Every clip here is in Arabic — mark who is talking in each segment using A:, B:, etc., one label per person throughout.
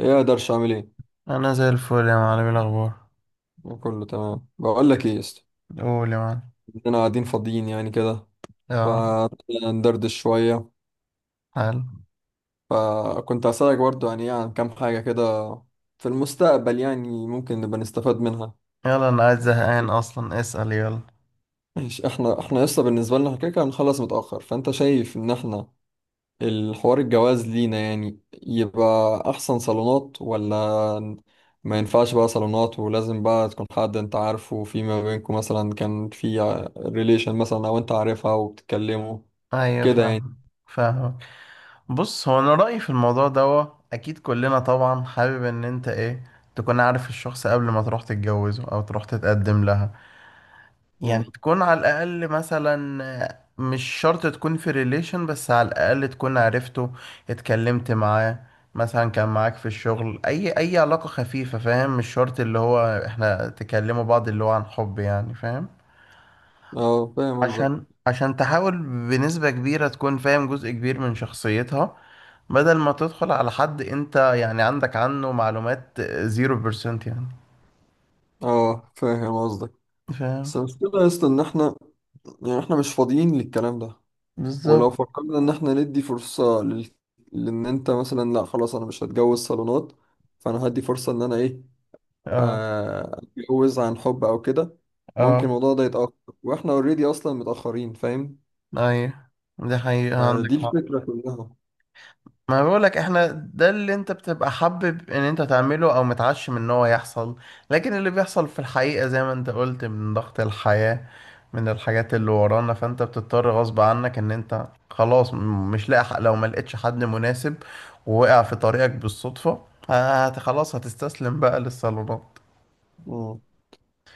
A: ايه، اقدرش اعمل ايه؟
B: انا زي الفل يا معلم، إيه الاخبار؟
A: كله تمام، بقول لك ايه يا اسطى؟
B: قول يا معلم.
A: انا قاعدين فاضيين يعني كده.
B: اه.
A: فندردش شويه.
B: حلو.
A: فكنت هسألك برضو يعني ايه عن كام حاجه كده في المستقبل، يعني ممكن نبقى نستفاد منها.
B: يلا انا قاعد زهقان اصلا، اسأل يلا.
A: ماشي، احنا لسه، بالنسبه لنا إحنا كده كده هنخلص متاخر، فانت شايف ان احنا الحوار الجواز لينا يعني يبقى أحسن صالونات، ولا ما ينفعش بقى صالونات ولازم بقى تكون حد أنت عارفه، في ما بينكم مثلا كان في ريليشن مثلا، أو أنت عارفها وبتتكلموا
B: ايوه
A: كده
B: فاهم.
A: يعني؟
B: فاهم. بص، هو انا رأيي في الموضوع دوا، اكيد كلنا طبعا حابب ان انت ايه تكون عارف الشخص قبل ما تروح تتجوزه او تروح تتقدم لها. يعني
A: مم.
B: تكون على الأقل مثلا مش شرط تكون في ريليشن، بس على الأقل تكون عرفته، اتكلمت معاه، مثلا كان معاك في الشغل، أي علاقة خفيفة، فاهم؟ مش شرط اللي هو احنا تكلموا بعض اللي هو عن حب، يعني فاهم.
A: اه، فاهم
B: عشان
A: قصدك.
B: عشان تحاول بنسبة كبيرة تكون فاهم جزء كبير من شخصيتها، بدل ما تدخل على حد انت يعني عندك عنه معلومات زيرو بيرسنت يعني.
A: اه، فاهم قصدك. بس
B: فاهم.
A: المشكلة يا اسطى إن احنا، يعني احنا مش فاضيين للكلام ده. ولو
B: بالظبط.
A: فكرنا إن احنا ندي فرصة لل... لأن أنت مثلا، لأ خلاص أنا مش هتجوز صالونات، فأنا هدي فرصة إن أنا إيه،
B: اه.
A: اتجوز عن حب او كده. ممكن
B: اه.
A: الموضوع ده يتأخر، واحنا اوريدي اصلا متأخرين فاهم.
B: ايوه، دي حقيقة، عندك
A: دي
B: حق.
A: الفكرة كلها.
B: ما بقولك، احنا ده اللي انت بتبقى حابب ان انت تعمله او متعشم ان هو يحصل، لكن اللي بيحصل في الحقيقة زي ما انت قلت، من ضغط الحياة، من الحاجات اللي ورانا، فانت بتضطر غصب عنك ان انت خلاص مش لاقي لو ما لقيتش حد مناسب ووقع في طريقك بالصدفة، خلاص هتستسلم بقى للصالونات.
A: مم.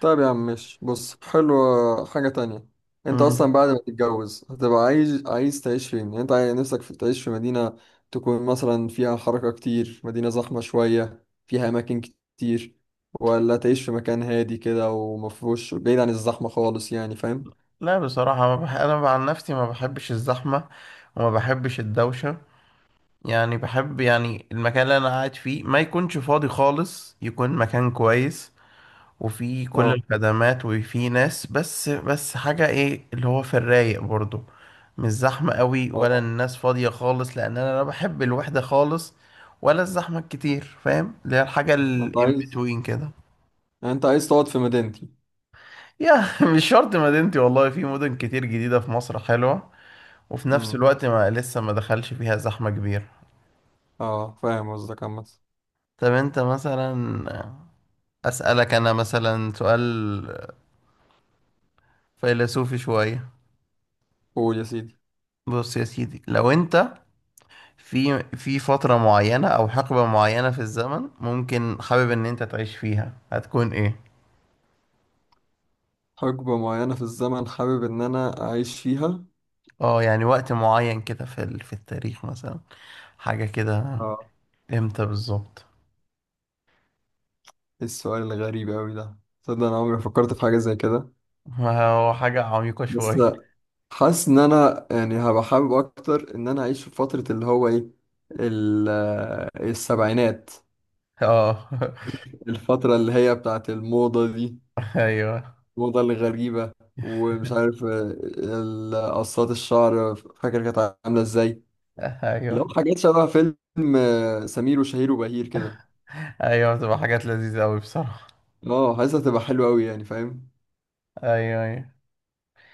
A: طيب يا عم ماشي، بص، حلوة حاجة تانية. انت
B: مم.
A: اصلا بعد ما تتجوز هتبقى عايز تعيش فين؟ يعني انت عايز نفسك في تعيش في مدينة تكون مثلا فيها حركة كتير، مدينة زحمة شوية فيها اماكن كتير، ولا تعيش في مكان هادي كده ومفهوش بعيد عن الزحمة خالص؟ يعني فاهم.
B: لا بصراحة، ما بح... انا عن نفسي ما بحبش الزحمة وما بحبش الدوشة. يعني بحب يعني المكان اللي انا قاعد فيه ما يكونش فاضي خالص، يكون مكان كويس وفيه كل
A: اه.
B: الخدمات وفيه ناس، بس بس حاجة ايه اللي هو في الرايق برضو، مش زحمة قوي
A: اه.
B: ولا الناس فاضية خالص، لان انا لا بحب الوحدة خالص ولا الزحمة الكتير، فاهم؟ اللي هي الحاجة
A: انت
B: الان
A: عايز،
B: بتوين كده.
A: يعني انت عايز تقعد في مدينتي؟
B: يا مش شرط مدينتي، والله في مدن كتير جديدة في مصر حلوة، وفي نفس
A: امم
B: الوقت ما لسه ما دخلش فيها زحمة كبيرة.
A: اه، فاهم قصدك عامة.
B: طب انت مثلا، أسألك أنا مثلا سؤال فيلسوفي شوية.
A: قول يا سيدي.
B: بص يا سيدي، لو أنت في فترة معينة أو حقبة معينة في الزمن ممكن حابب إن أنت تعيش فيها، هتكون إيه؟
A: حقبة معينة في الزمن حابب إن أنا أعيش فيها؟
B: أه، يعني وقت معين كده في التاريخ مثلا، حاجة كده.
A: اه.
B: إمتى بالظبط؟
A: إيه السؤال الغريب أوي ده؟ تصدق أنا عمري ما فكرت في حاجة زي كده.
B: ما هو حاجة عميقة
A: بس
B: شوية.
A: لا، حاسس إن أنا يعني هبقى حابب أكتر إن أنا أعيش في فترة اللي هو إيه، السبعينات.
B: أه.
A: الفترة اللي هي بتاعت الموضة دي،
B: أيوه.
A: الموضة الغريبة، ومش عارف، قصات الشعر فاكر كانت عاملة إزاي.
B: أيوه،
A: لو حاجات شبه فيلم سمير وشهير وبهير كده.
B: أيوه، بتبقى حاجات لذيذة أوي بصراحة.
A: اه، حاسسها تبقى حلوة أوي يعني فاهم.
B: ايوه، ايوه.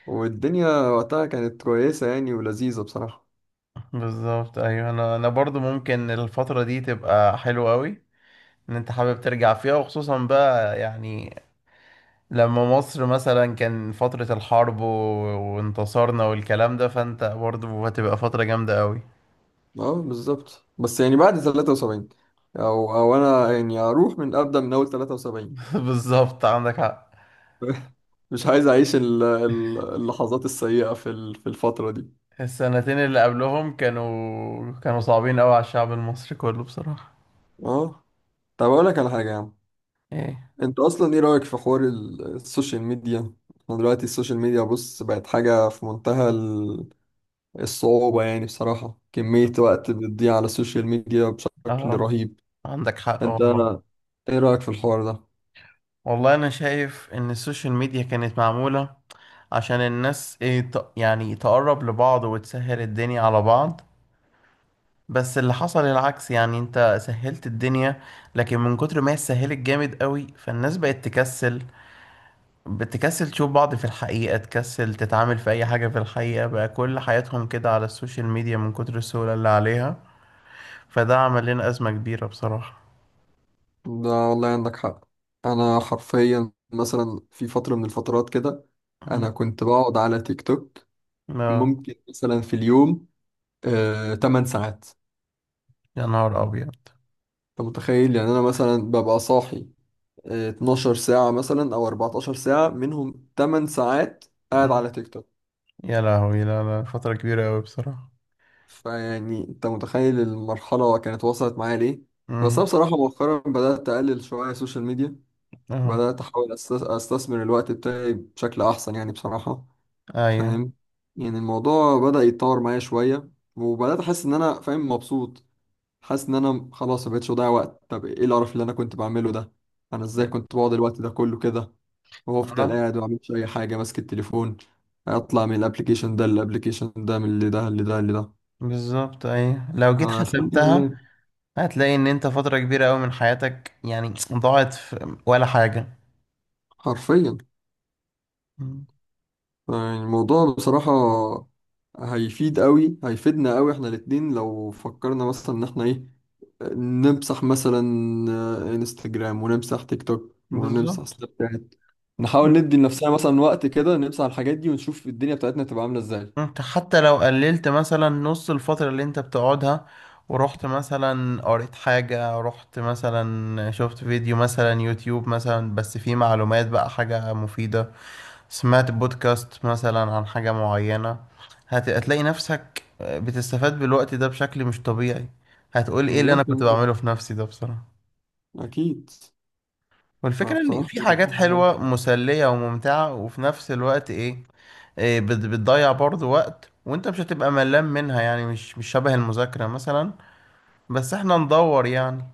A: والدنيا وقتها كانت كويسة يعني ولذيذة بصراحة.
B: بالظبط، ايوه. انا برضو ممكن الفتره دي تبقى حلوه قوي، ان انت حابب ترجع فيها، وخصوصا بقى يعني لما مصر مثلا كان فترة الحرب وانتصارنا والكلام ده، فانت برضه هتبقى فترة جامدة قوي.
A: اه بالظبط، بس يعني بعد 73، أو أنا يعني أروح من أبدأ من أول 73.
B: بالظبط، عندك حق.
A: مش عايز أعيش اللحظات السيئة في في الفترة دي.
B: السنتين اللي قبلهم كانوا صعبين قوي على الشعب المصري كله بصراحة.
A: اه. طب أقول لك على حاجة يا عم.
B: ايه؟
A: أنت أصلا إيه رأيك في حوار السوشيال ميديا؟ احنا دلوقتي السوشيال ميديا بص بقت حاجة في منتهى الصعوبة، يعني بصراحة كمية وقت بتضيع على السوشيال ميديا بشكل
B: اه
A: رهيب.
B: عندك حق
A: انت
B: والله.
A: ايه رأيك في الحوار ده؟
B: والله انا شايف ان السوشيال ميديا كانت معمولة عشان الناس ايه يعني تقرب لبعض وتسهل الدنيا على بعض، بس اللي حصل العكس. يعني انت سهلت الدنيا، لكن من كتر ما هي اتسهلت جامد قوي، فالناس بقت تكسل، بتكسل تشوف بعض في الحقيقة، تكسل تتعامل في اي حاجة في الحقيقة، بقى كل حياتهم كده على السوشيال ميديا من كتر السهولة اللي عليها. فده عمل لنا أزمة كبيرة بصراحة.
A: ده والله عندك حق. انا حرفيا مثلا في فترة من الفترات كده
B: مم.
A: انا كنت بقعد على تيك توك
B: لا.
A: ممكن مثلا في اليوم 8 ساعات.
B: يا نهار أبيض.
A: انت متخيل؟ يعني انا مثلا ببقى صاحي 12 ساعة مثلا او 14 ساعة، منهم 8 ساعات قاعد
B: مم.
A: على تيك توك.
B: يا لهوي، لا لا فترة كبيرة قوي بصراحة.
A: فيعني انت متخيل المرحلة كانت وصلت معايا ليه؟ بس انا
B: مم.
A: بصراحة مؤخرا بدأت اقلل شوية السوشيال ميديا،
B: اه.
A: بدأت احاول استثمر الوقت بتاعي بشكل احسن يعني بصراحة.
B: ايوه.
A: فاهم؟ يعني الموضوع بدأ يتطور معايا شوية، وبدأت احس ان انا فاهم مبسوط. حاسس ان انا خلاص مبقتش بضيع وقت. طب ايه القرف اللي انا كنت بعمله ده؟ انا ازاي كنت بقعد الوقت ده كله كده، وافضل
B: اه
A: قاعد ومعملش اي حاجة ماسك التليفون، اطلع من الابليكيشن ده للابليكيشن ده، من اللي ده اللي ده اللي ده.
B: بالظبط، ايوه، لو جيت
A: الحمد
B: حسبتها
A: لله.
B: هتلاقي ان انت فترة كبيرة قوي من حياتك يعني ضاعت في ولا حاجة.
A: حرفيا.
B: مم.
A: يعني الموضوع بصراحة هيفيد قوي، هيفيدنا قوي احنا الاتنين لو فكرنا مثلا ان احنا ايه، نمسح مثلا انستجرام ونمسح تيك توك ونمسح
B: بالظبط.
A: سناب شات. نحاول
B: مم.
A: ندي لنفسنا مثلا وقت كده، نمسح الحاجات دي ونشوف الدنيا بتاعتنا تبقى عاملة ازاي.
B: انت حتى لو قللت مثلا نص الفترة اللي انت بتقعدها، ورحت مثلا قريت حاجة، رحت مثلا شفت فيديو مثلا يوتيوب مثلا، بس فيه معلومات بقى، حاجة مفيدة، سمعت بودكاست مثلا عن حاجة معينة، هتلاقي نفسك بتستفاد بالوقت ده بشكل مش طبيعي. هتقول ايه اللي
A: مليون
B: انا
A: في
B: كنت
A: المية
B: بعمله في نفسي ده بصراحة.
A: أكيد.
B: والفكرة إن
A: فبصراحة
B: في
A: الموضوع
B: حاجات
A: مهم.
B: حلوة مسلية وممتعة، وفي نفس الوقت إيه، إيه بتضيع برضو وقت، وأنت مش هتبقى ملان منها، يعني مش شبه المذاكرة مثلا، بس إحنا ندور يعني.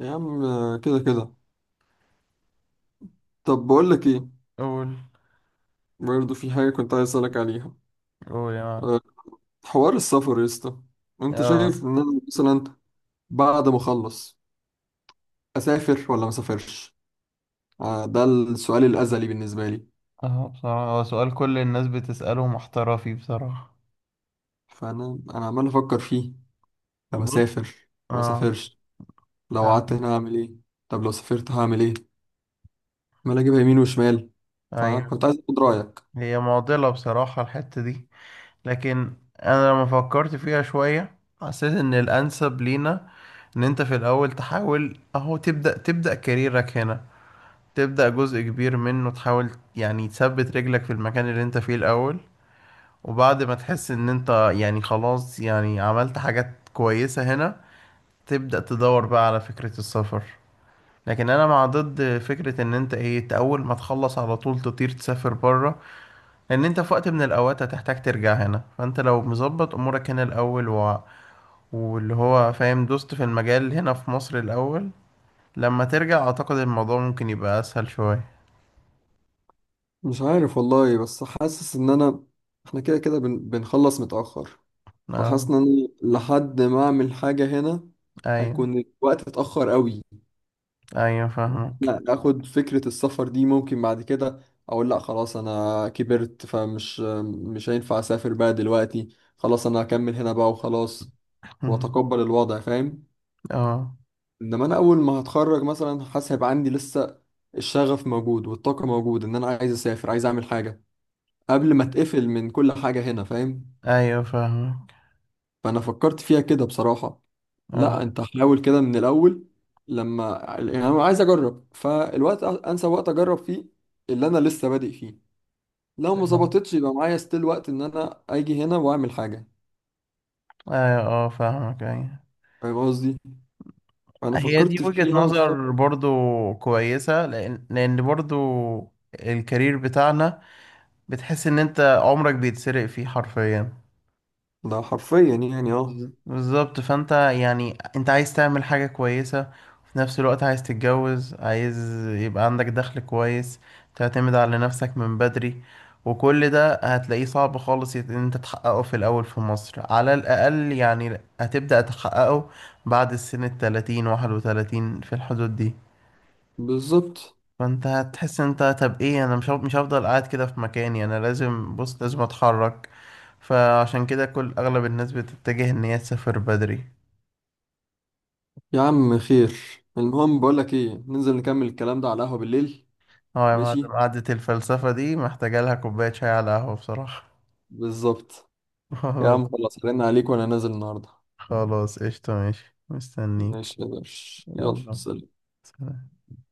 A: يا عم كده كده. طب بقول لك ايه،
B: قول.
A: برضه في حاجة كنت عايز أسألك عليها.
B: قول يا معلم.
A: أه، حوار السفر يا اسطى. انت
B: آه.
A: شايف ان انا مثلا بعد ما اخلص اسافر ولا ما اسافرش؟ ده السؤال الازلي بالنسبه لي.
B: آه، بصراحة هو سؤال كل الناس بتسأله محتارة فيه بصراحة.
A: فانا عمال افكر فيه. طب
B: بص.
A: اسافر ما
B: آه.
A: اسافرش؟ لو
B: آه،
A: قعدت هنا هعمل ايه؟ طب لو سافرت هعمل ايه؟ عمال اجيبها يمين وشمال.
B: أيوه.
A: فكنت عايز اخد رايك.
B: هي معضلة بصراحة الحتة دي، لكن انا لما فكرت فيها شوية، حسيت ان الانسب لينا ان انت في الاول تحاول اهو، تبدأ كاريرك هنا، تبدأ جزء كبير منه، تحاول يعني تثبت رجلك في المكان اللي انت فيه الاول، وبعد ما تحس ان انت يعني خلاص يعني عملت حاجات كويسة هنا، تبدأ تدور بقى على فكرة السفر. لكن انا مع ضد فكرة ان انت ايه، أنت اول ما تخلص على طول تطير تسافر بره، لان انت في وقت من الاوقات هتحتاج ترجع هنا. فانت لو مظبط امورك هنا الاول واللي هو فاهم دوست في المجال هنا في مصر الاول، لما ترجع اعتقد الموضوع ممكن يبقى اسهل شوية.
A: مش عارف والله، بس حاسس ان انا احنا كده كده بنخلص متاخر، فحاسس
B: اه،
A: ان انا لحد ما اعمل حاجه هنا
B: ايوه،
A: هيكون الوقت اتاخر قوي.
B: ايوه فاهمك.
A: لا، اخد فكرة السفر دي ممكن بعد كده اقول لا خلاص انا كبرت، فمش مش هينفع اسافر بقى دلوقتي، خلاص انا هكمل هنا بقى وخلاص واتقبل الوضع فاهم.
B: اه،
A: انما انا اول ما هتخرج مثلا حاسس هيبقى عندي لسه الشغف موجود والطاقة موجود ان انا عايز اسافر، عايز اعمل حاجة قبل ما اتقفل من كل حاجة هنا فاهم.
B: ايوه فاهمك،
A: فانا فكرت فيها كده بصراحة، لا
B: اه.
A: انت حاول كده من الاول، لما يعني انا عايز اجرب فالوقت انسب وقت اجرب فيه اللي انا لسه بادئ فيه. لو ما
B: تمام.
A: ظبطتش يبقى معايا ستيل وقت ان انا اجي هنا واعمل حاجه.
B: ايوه، اه فاهمك، ايوه.
A: فاهم قصدي؟ انا
B: هي دي
A: فكرت
B: وجهة
A: فيها
B: نظر
A: واشتغلت.
B: برضو كويسة، لأن برضو الكارير بتاعنا بتحس إن أنت عمرك بيتسرق فيه حرفيا.
A: ده حرفيا يعني اه.
B: بالظبط، فانت يعني انت عايز تعمل حاجة كويسة، وفي نفس الوقت عايز تتجوز، عايز يبقى عندك دخل كويس، تعتمد على نفسك من بدري، وكل ده هتلاقيه صعب خالص ان انت تحققه في الاول. في مصر على الاقل يعني هتبدأ تحققه بعد السن الـ30، 31، في الحدود دي.
A: بالظبط.
B: فانت هتحس ان انت طب ايه، انا مش هفضل قاعد كده في مكاني، انا لازم، بص لازم اتحرك. فعشان كده كل اغلب الناس بتتجه ان هي تسافر بدري.
A: يا عم خير، المهم بقول لك ايه، ننزل نكمل الكلام ده على القهوه بالليل.
B: اه يا
A: ماشي.
B: معلم، قعدة الفلسفة دي محتاجة لها كوباية شاي على قهوة بصراحة.
A: بالظبط. يا
B: خلاص.
A: عم خلاص، رن عليك وانا نازل النهارده.
B: خلاص، قشطة، ماشي مستنيك.
A: ماشي يا باشا، يلا
B: يلا،
A: سلام.
B: سلام.